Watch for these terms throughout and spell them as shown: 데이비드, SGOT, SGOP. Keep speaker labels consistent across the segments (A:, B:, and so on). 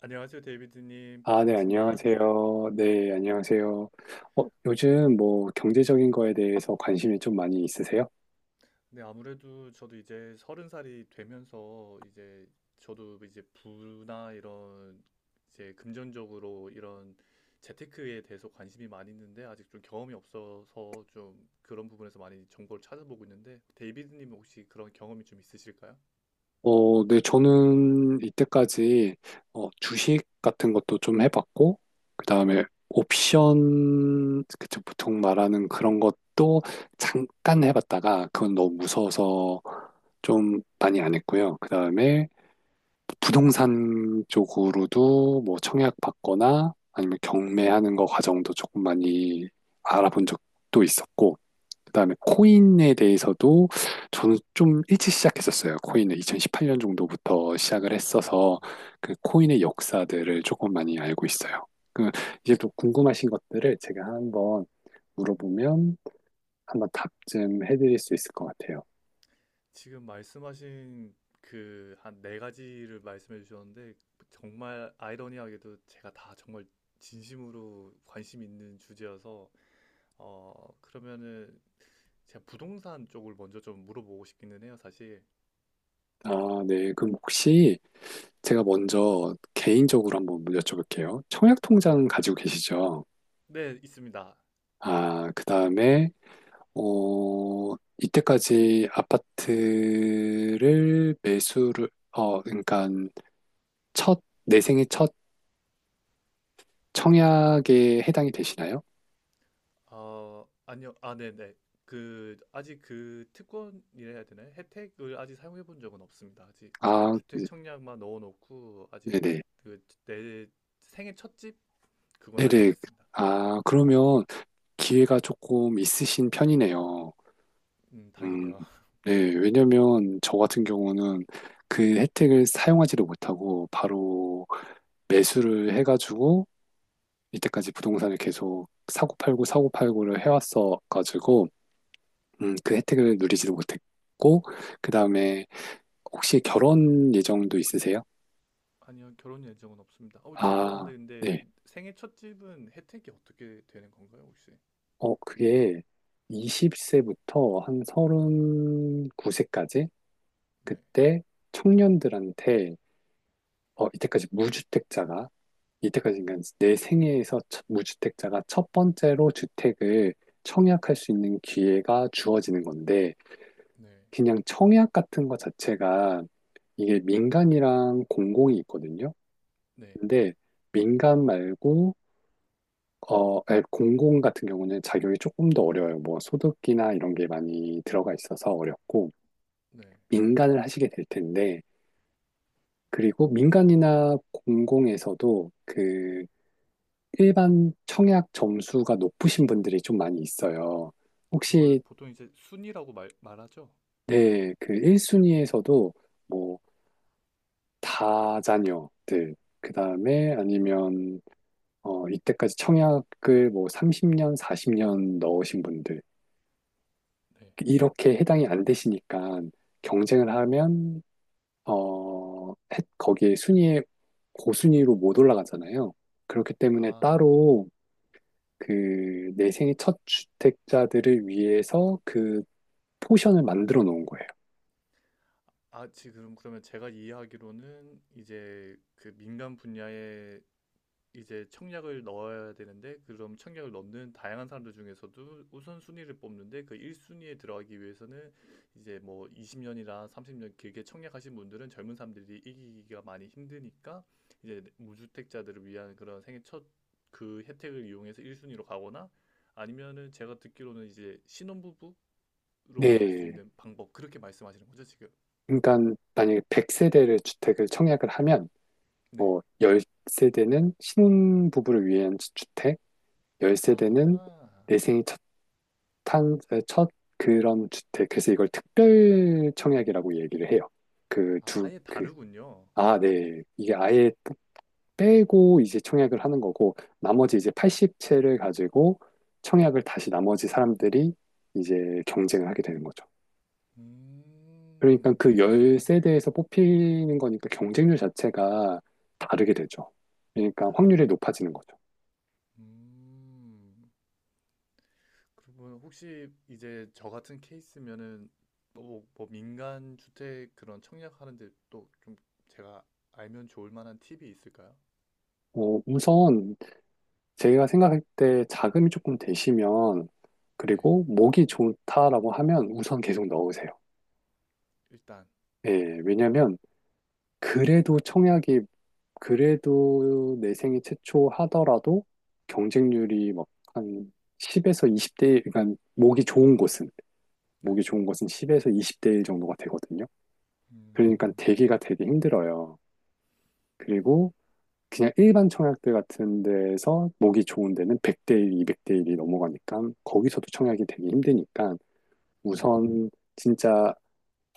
A: 안녕하세요, 데이비드님.
B: 아, 네,
A: 반갑습니다.
B: 안녕하세요. 네, 안녕하세요. 요즘 뭐 경제적인 거에 대해서 관심이 좀 많이 있으세요?
A: 네, 아무래도 저도 이제 서른 살이 되면서 이제 저도 이제 부나 이런 이제 금전적으로 이런 재테크에 대해서 관심이 많이 있는데 아직 좀 경험이 없어서 좀 그런 부분에서 많이 정보를 찾아보고 있는데 데이비드님 혹시 그런 경험이 좀 있으실까요?
B: 네, 저는 이때까지 주식 같은 것도 좀 해봤고, 그 다음에 옵션, 그쵸, 보통 말하는 그런 것도 잠깐 해봤다가, 그건 너무 무서워서 좀 많이 안 했고요. 그 다음에 부동산 쪽으로도 뭐 청약 받거나 아니면 경매하는 거 과정도 조금 많이 알아본 적도 있었고, 그다음에 코인에 대해서도 저는 좀 일찍 시작했었어요. 코인을 2018년 정도부터 시작을
A: 음.
B: 했어서 그 코인의 역사들을 조금 많이 알고 있어요. 그 이제 또 궁금하신 것들을 제가 한번 물어보면 한번 답 좀 해드릴 수 있을 것 같아요.
A: 지금 말씀하신 그 한 네 가지를 말씀해 주셨는데 정말 아이러니하게도 제가 다 정말 진심으로 관심 있는 주제여서 그러면은 제가 부동산 쪽을 먼저 좀 물어보고 싶기는 해요, 사실.
B: 아, 네. 그럼 혹시 제가 먼저 개인적으로 한번 여쭤볼게요. 청약
A: 네.
B: 통장 가지고 계시죠?
A: 네, 있습니다.
B: 아, 그 다음에, 이때까지 아파트를 매수를, 그러니까 첫, 내 생애 첫 청약에 해당이 되시나요?
A: 아니요. 아, 네네. 아직 그 특권이라 해야 되나요? 혜택을 아직 사용해 본 적은 없습니다. 아직
B: 아,
A: 주택
B: 네-
A: 청약만 넣어놓고, 아직
B: 네네.
A: 내 생애 첫집 그건
B: 네
A: 아직 안
B: 네.
A: 했습니다.
B: 아, 그러면 기회가 조금 있으신 편이네요. 음,
A: 다행이네요.
B: 네. 왜냐면 저 같은 경우는 그 혜택을 사용하지를 못하고 바로 매수를 해가지고 이때까지 부동산을 계속 사고 팔고 사고 팔고를 해왔어가지고 그 혜택을 누리지도 못했고 그 다음에 혹시 결혼 예정도 있으세요?
A: 아니요, 결혼 예정은 없습니다.
B: 아,
A: 죄송한데 근데
B: 네.
A: 생애 첫 집은 혜택이 어떻게 되는 건가요, 혹시?
B: 그게 20세부터 한 39세까지
A: 네,
B: 그때 청년들한테 이때까지 무주택자가 이때까지 그러니까 내 생애에서 첫- 무주택자가 첫 번째로 주택을 청약할 수 있는 기회가 주어지는 건데
A: 네,
B: 그냥 청약 같은 거 자체가 이게 민간이랑 공공이 있거든요.
A: 네,
B: 근데 민간 말고 아니, 공공 같은 경우는 작용이 조금 더 어려워요. 뭐 소득이나 이런 게 많이 들어가 있어서 어렵고
A: 네.
B: 민간을 하시게 될 텐데 그리고 민간이나 공공에서도 그 일반 청약 점수가 높으신 분들이 좀 많이 있어요.
A: 그걸
B: 혹시
A: 보통 이제 순이라고 말하죠?
B: 네, 그 1순위에서도 뭐 다자녀들, 그 다음에 아니면, 이때까지 청약을 뭐 30년, 40년 넣으신 분들,
A: 네.
B: 이렇게 해당이 안 되시니까 경쟁을 하면, 거기에 순위에 고순위로 못 올라가잖아요. 그렇기 때문에
A: 아,
B: 따로 그 내생의 첫 주택자들을 위해서 그 포션을 만들어 놓은 거예요.
A: 아, 지금 그러면 제가 이해하기로는 이제 그 민간 분야의 이제 청약을 넣어야 되는데 그럼 청약을 넣는 다양한 사람들 중에서도 우선순위를 뽑는데 그 1순위에 들어가기 위해서는 이제 뭐 20년이나 30년 길게 청약하신 분들은 젊은 사람들이 이기기가 많이 힘드니까 이제 무주택자들을 위한 그런 생애 첫 그 혜택을 이용해서 1순위로 가거나 아니면은 제가 듣기로는 이제 신혼부부로 갈 수
B: 네.
A: 있는 방법 그렇게 말씀하시는 거죠, 지금?
B: 그러니까 만약에 100세대를 주택을 청약을 하면
A: 네.
B: 뭐, 10세대는 신부부를 위한 주택,
A: 아,
B: 10세대는 내 생애 첫, 탄, 첫 그런 주택. 그래서 이걸 특별 청약이라고 얘기를 해요. 그
A: 아,
B: 두,
A: 아예
B: 그,
A: 다르군요.
B: 아, 네. 이게 아예 빼고 이제 청약을 하는 거고, 나머지 이제 80채를 가지고 청약을 다시 나머지 사람들이 이제 경쟁을 하게 되는 거죠. 그러니까 그
A: 그래서.
B: 10세대에서 뽑히는 거니까 경쟁률 자체가 다르게 되죠. 그러니까 확률이 높아지는 거죠.
A: 음, 그러면 혹시 이제 저 같은 케이스면은 뭐 민간 주택 그런 청약하는데 또 좀 제가 알면 좋을 만한 팁이 있을까요?
B: 우선 제가 생각할 때 자금이 조금 되시면
A: 네,
B: 그리고 목이 좋다라고 하면 우선 계속 넣으세요.
A: 일단
B: 예, 왜냐면 그래도 청약이 그래도 내 생애 최초 하더라도 경쟁률이 막한 10에서 20대 1, 그러니까 목이 좋은 곳은
A: 네,
B: 10에서 20대 1 정도가 되거든요. 그러니까
A: 음,
B: 대기가 되게 힘들어요. 그리고 그냥 일반 청약대 같은 데에서 목이 좋은 데는 100대 1, 200대 1이 넘어가니까 거기서도 청약이 되게 힘드니까
A: 네.
B: 우선 진짜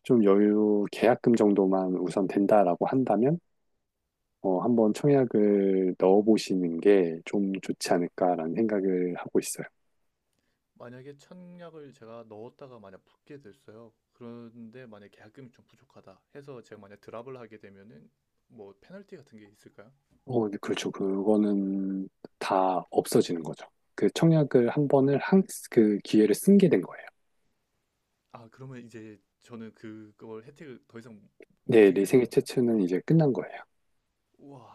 B: 좀 여유 계약금 정도만 우선 된다라고 한다면 한번 청약을 넣어보시는 게 좀 좋지 않을까라는 생각을 하고 있어요.
A: 만약에 청약을 제가 넣었다가 만약 붙게 됐어요. 그런데 만약 계약금이 좀 부족하다 해서 제가 만약 드랍을 하게 되면은 뭐 페널티 같은 게 있을까요?
B: 네, 그렇죠. 그거는 다 없어지는 거죠. 그 청약을 한 번을 한, 그 기회를 쓴 게 된 거예요.
A: 아, 그러면 이제 저는 그걸 혜택을 더 이상 못
B: 네,
A: 쓰게
B: 내
A: 되는
B: 생애
A: 건가요?
B: 최초는 이제 끝난 거예요.
A: 우와.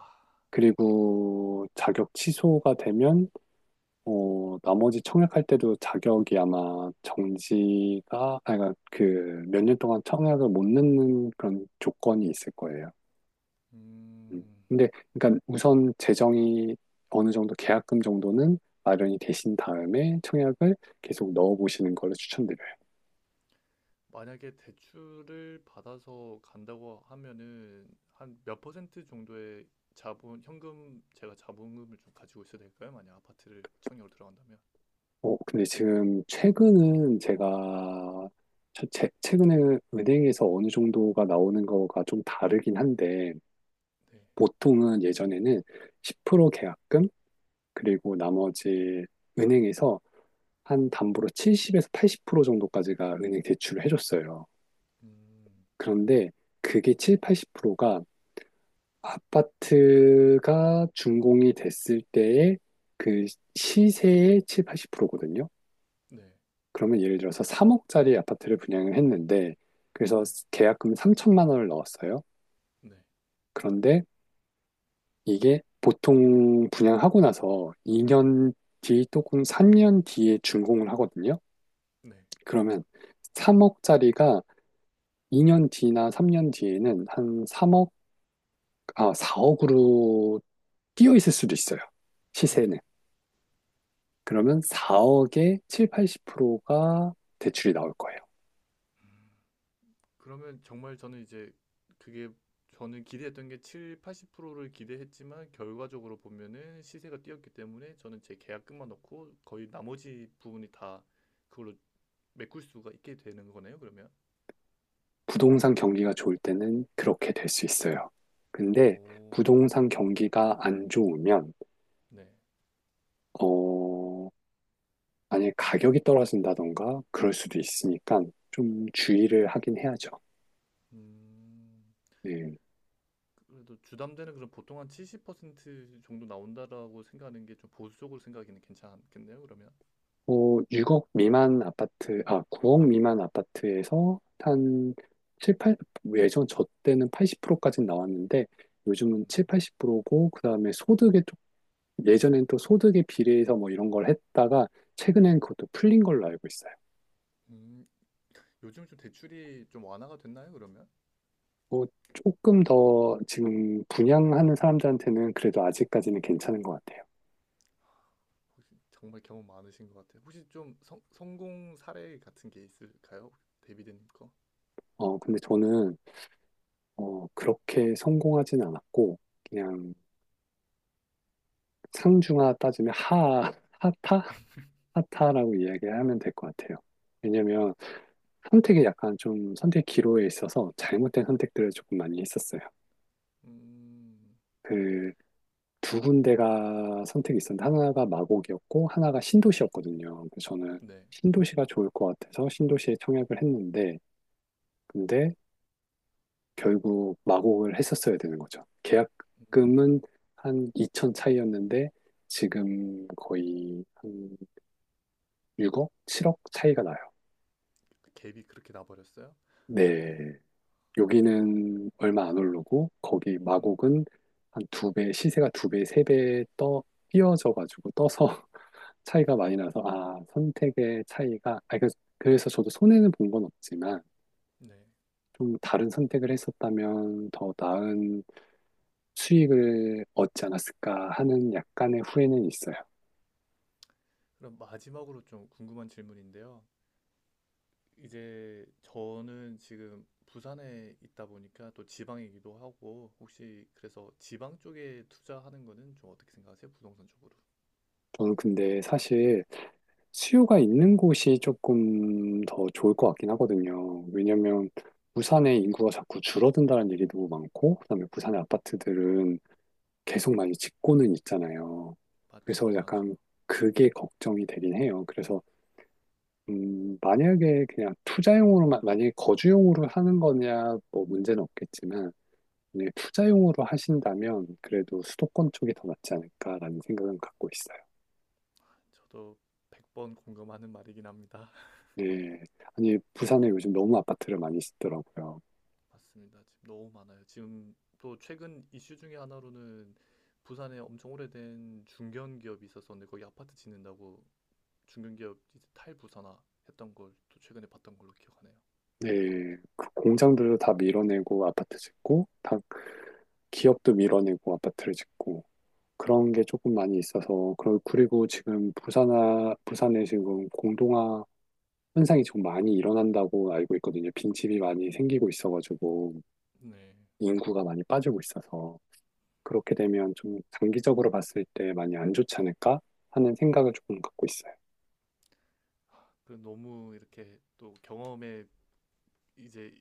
B: 그리고 자격 취소가 되면 나머지 청약할 때도 자격이 아마 정지가 아니 그러니까 그몇 년 동안 청약을 못 넣는 그런 조건이 있을 거예요. 음.
A: 음,
B: 근데 그러니까 우선 재정이 어느 정도 계약금 정도는 마련이 되신 다음에 청약을 계속 넣어 보시는 거를 추천드려요.
A: 만약에 대출을 받아서 간다고 하면은 한 몇 퍼센트 정도의 자본, 현금, 제가 자본금을 좀 가지고 있어야 될까요? 만약 아파트를 청약으로 들어간다면.
B: 근데 지금 최근은 제가 최근에 은행에서 어느 정도가 나오는 거가 좀 다르긴 한데
A: 네.
B: 보통은 예전에는 10% 계약금, 그리고 나머지 은행에서 한 담보로 70에서 80% 정도까지가 은행 대출을 해줬어요.
A: 음,
B: 그런데 그게 7, 80%가 아파트가 준공이 됐을 때의 그 시세의 7, 80%거든요.
A: 네,
B: 그러면 예를 들어서 3억짜리 아파트를 분양을 했는데, 그래서
A: 네,
B: 계약금 3천만 원을 넣었어요.
A: 네,
B: 그런데 이게 보통 분양하고 나서 2년 뒤 또는 3년 뒤에 준공을 하거든요.
A: 네,
B: 그러면 3억짜리가 2년 뒤나 3년 뒤에는 한 3억, 4억으로 뛰어 있을 수도 있어요.
A: 네.
B: 시세는. 그러면 4억에 7, 80%가 대출이 나올 거예요.
A: 그러면 정말 저는 이제 그게 저는 기대했던 게 7, 80%를 기대했지만 결과적으로 보면은 시세가 뛰었기 때문에 저는 제 계약금만 넣고 거의 나머지 부분이 다 그걸로 메꿀 수가 있게 되는 거네요, 그러면?
B: 부동산 경기가 좋을 때는 그렇게 될 수 있어요. 근데
A: 오,
B: 부동산 경기가 안 좋으면,
A: 네.
B: 어... 만약에 가격이 떨어진다던가 그럴 수도 있으니까 좀 주의를 하긴 해야죠.
A: 음,
B: 네.
A: 그래도 주담대는 그럼 보통 한 70% 정도 나온다라고 생각하는 게 좀 보수적으로 생각하기는 괜찮겠네요, 그러면?
B: 뭐 6억 미만 아파트, 9억 미만 아파트에서 한 7, 8, 예전 저 때는 80%까지 나왔는데 요즘은
A: 음,
B: 7, 80%고 그다음에 소득에 좀 예전엔 또 소득에 비례해서 뭐 이런 걸 했다가 최근엔 그것도 풀린 걸로 알고 있어요.
A: 음, 요즘 좀 대출이 좀 완화가 됐나요, 그러면?
B: 뭐 조금 더 지금 분양하는 사람들한테는 그래도 아직까지는 괜찮은 것 같아요.
A: 혹시 정말 경험 많으신 것 같아요. 혹시 좀 성공 사례 같은 게 있을까요? 데이비드님 거?
B: 근데 저는 그렇게 성공하진 않았고, 그냥 상중하 따지면 하타? 하타라고 이야기하면 될 것 같아요. 왜냐면 선택이 약간 좀 선택 기로에 있어서 잘못된 선택들을 조금 많이 했었어요.
A: 음,
B: 그 두 군데가 선택이 있었는데 하나가 마곡이었고 하나가 신도시였거든요. 그래서 저는
A: 네.
B: 신도시가 좋을 것 같아서 신도시에 청약을 했는데 근데 결국 마곡을 했었어야 되는 거죠.
A: 음,
B: 계약금은 한 2천 차이였는데 지금 거의 한 6억, 7억 차이가 나요.
A: 그 갭이 그렇게 나버렸어요?
B: 네. 여기는 얼마 안 오르고 거기
A: 음,
B: 마곡은 한 두 배, 시세가 두 배, 세 배 띄어져 가지고 떠서 차이가 많이 나서 선택의 차이가 그래서 저도 손해는 본 건 없지만
A: 네.
B: 좀 다른 선택을 했었다면 더 나은 수익을 얻지 않았을까 하는 약간의 후회는 있어요.
A: 그럼 마지막으로 좀 궁금한 질문인데요. 이제 저는 지금 부산에 있다 보니까 또 지방이기도 하고 혹시 그래서 지방 쪽에 투자하는 거는 좀 어떻게 생각하세요? 부동산 쪽으로.
B: 저는 근데 사실 수요가 있는 곳이 조금 더 좋을 것 같긴 하거든요. 왜냐면 부산의 인구가 자꾸 줄어든다는 얘기 너무 많고, 그다음에 부산의 아파트들은 계속 많이 짓고는 있잖아요.
A: 맞죠?
B: 그래서
A: 너무 많죠.
B: 약간 그게 걱정이 되긴 해요. 그래서 만약에 그냥 투자용으로만, 만약에 거주용으로 하는 거냐, 뭐 문제는 없겠지만, 만약에 투자용으로 하신다면 그래도 수도권 쪽이 더 낫지 않을까라는 생각은 갖고 있어요.
A: 저도 100번 공감하는 말이긴 합니다.
B: 네. 아니, 부산에 요즘 너무 아파트를 많이 짓더라고요.
A: 맞습니다. 지금 너무 많아요. 지금 또 최근 이슈 중에 하나로는 부산에 엄청 오래된 중견 기업이 있었었는데 거기 아파트 짓는다고 중견 기업 이제 탈부산화 했던 걸 또 최근에 봤던 걸로 기억하네요.
B: 네. 그 공장들도 다 밀어내고 아파트 짓고, 다 기업도 밀어내고 아파트를 짓고, 그런 게 조금 많이 있어서, 그리고 지금 부산에 지금 공동화 현상이 좀 많이 일어난다고 알고 있거든요. 빈집이 많이 생기고 있어가지고,
A: 네.
B: 인구가 많이 빠지고 있어서. 그렇게 되면 좀 장기적으로 봤을 때 많이 안 좋지 않을까 하는 생각을 조금 갖고 있어요.
A: 그 너무 이렇게 또 경험에 이제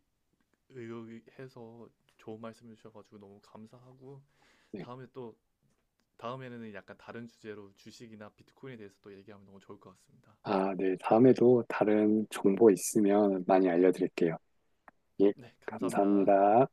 A: 의논해서 좋은 말씀해 주셔가지고 너무 감사하고
B: 네.
A: 다음에 또 다음에는 약간 다른 주제로 주식이나 비트코인에 대해서 또 얘기하면 너무 좋을 것 같습니다.
B: 아, 네. 다음에도 다른 정보 있으면 많이 알려드릴게요. 예,
A: 네, 감사합니다.
B: 감사합니다.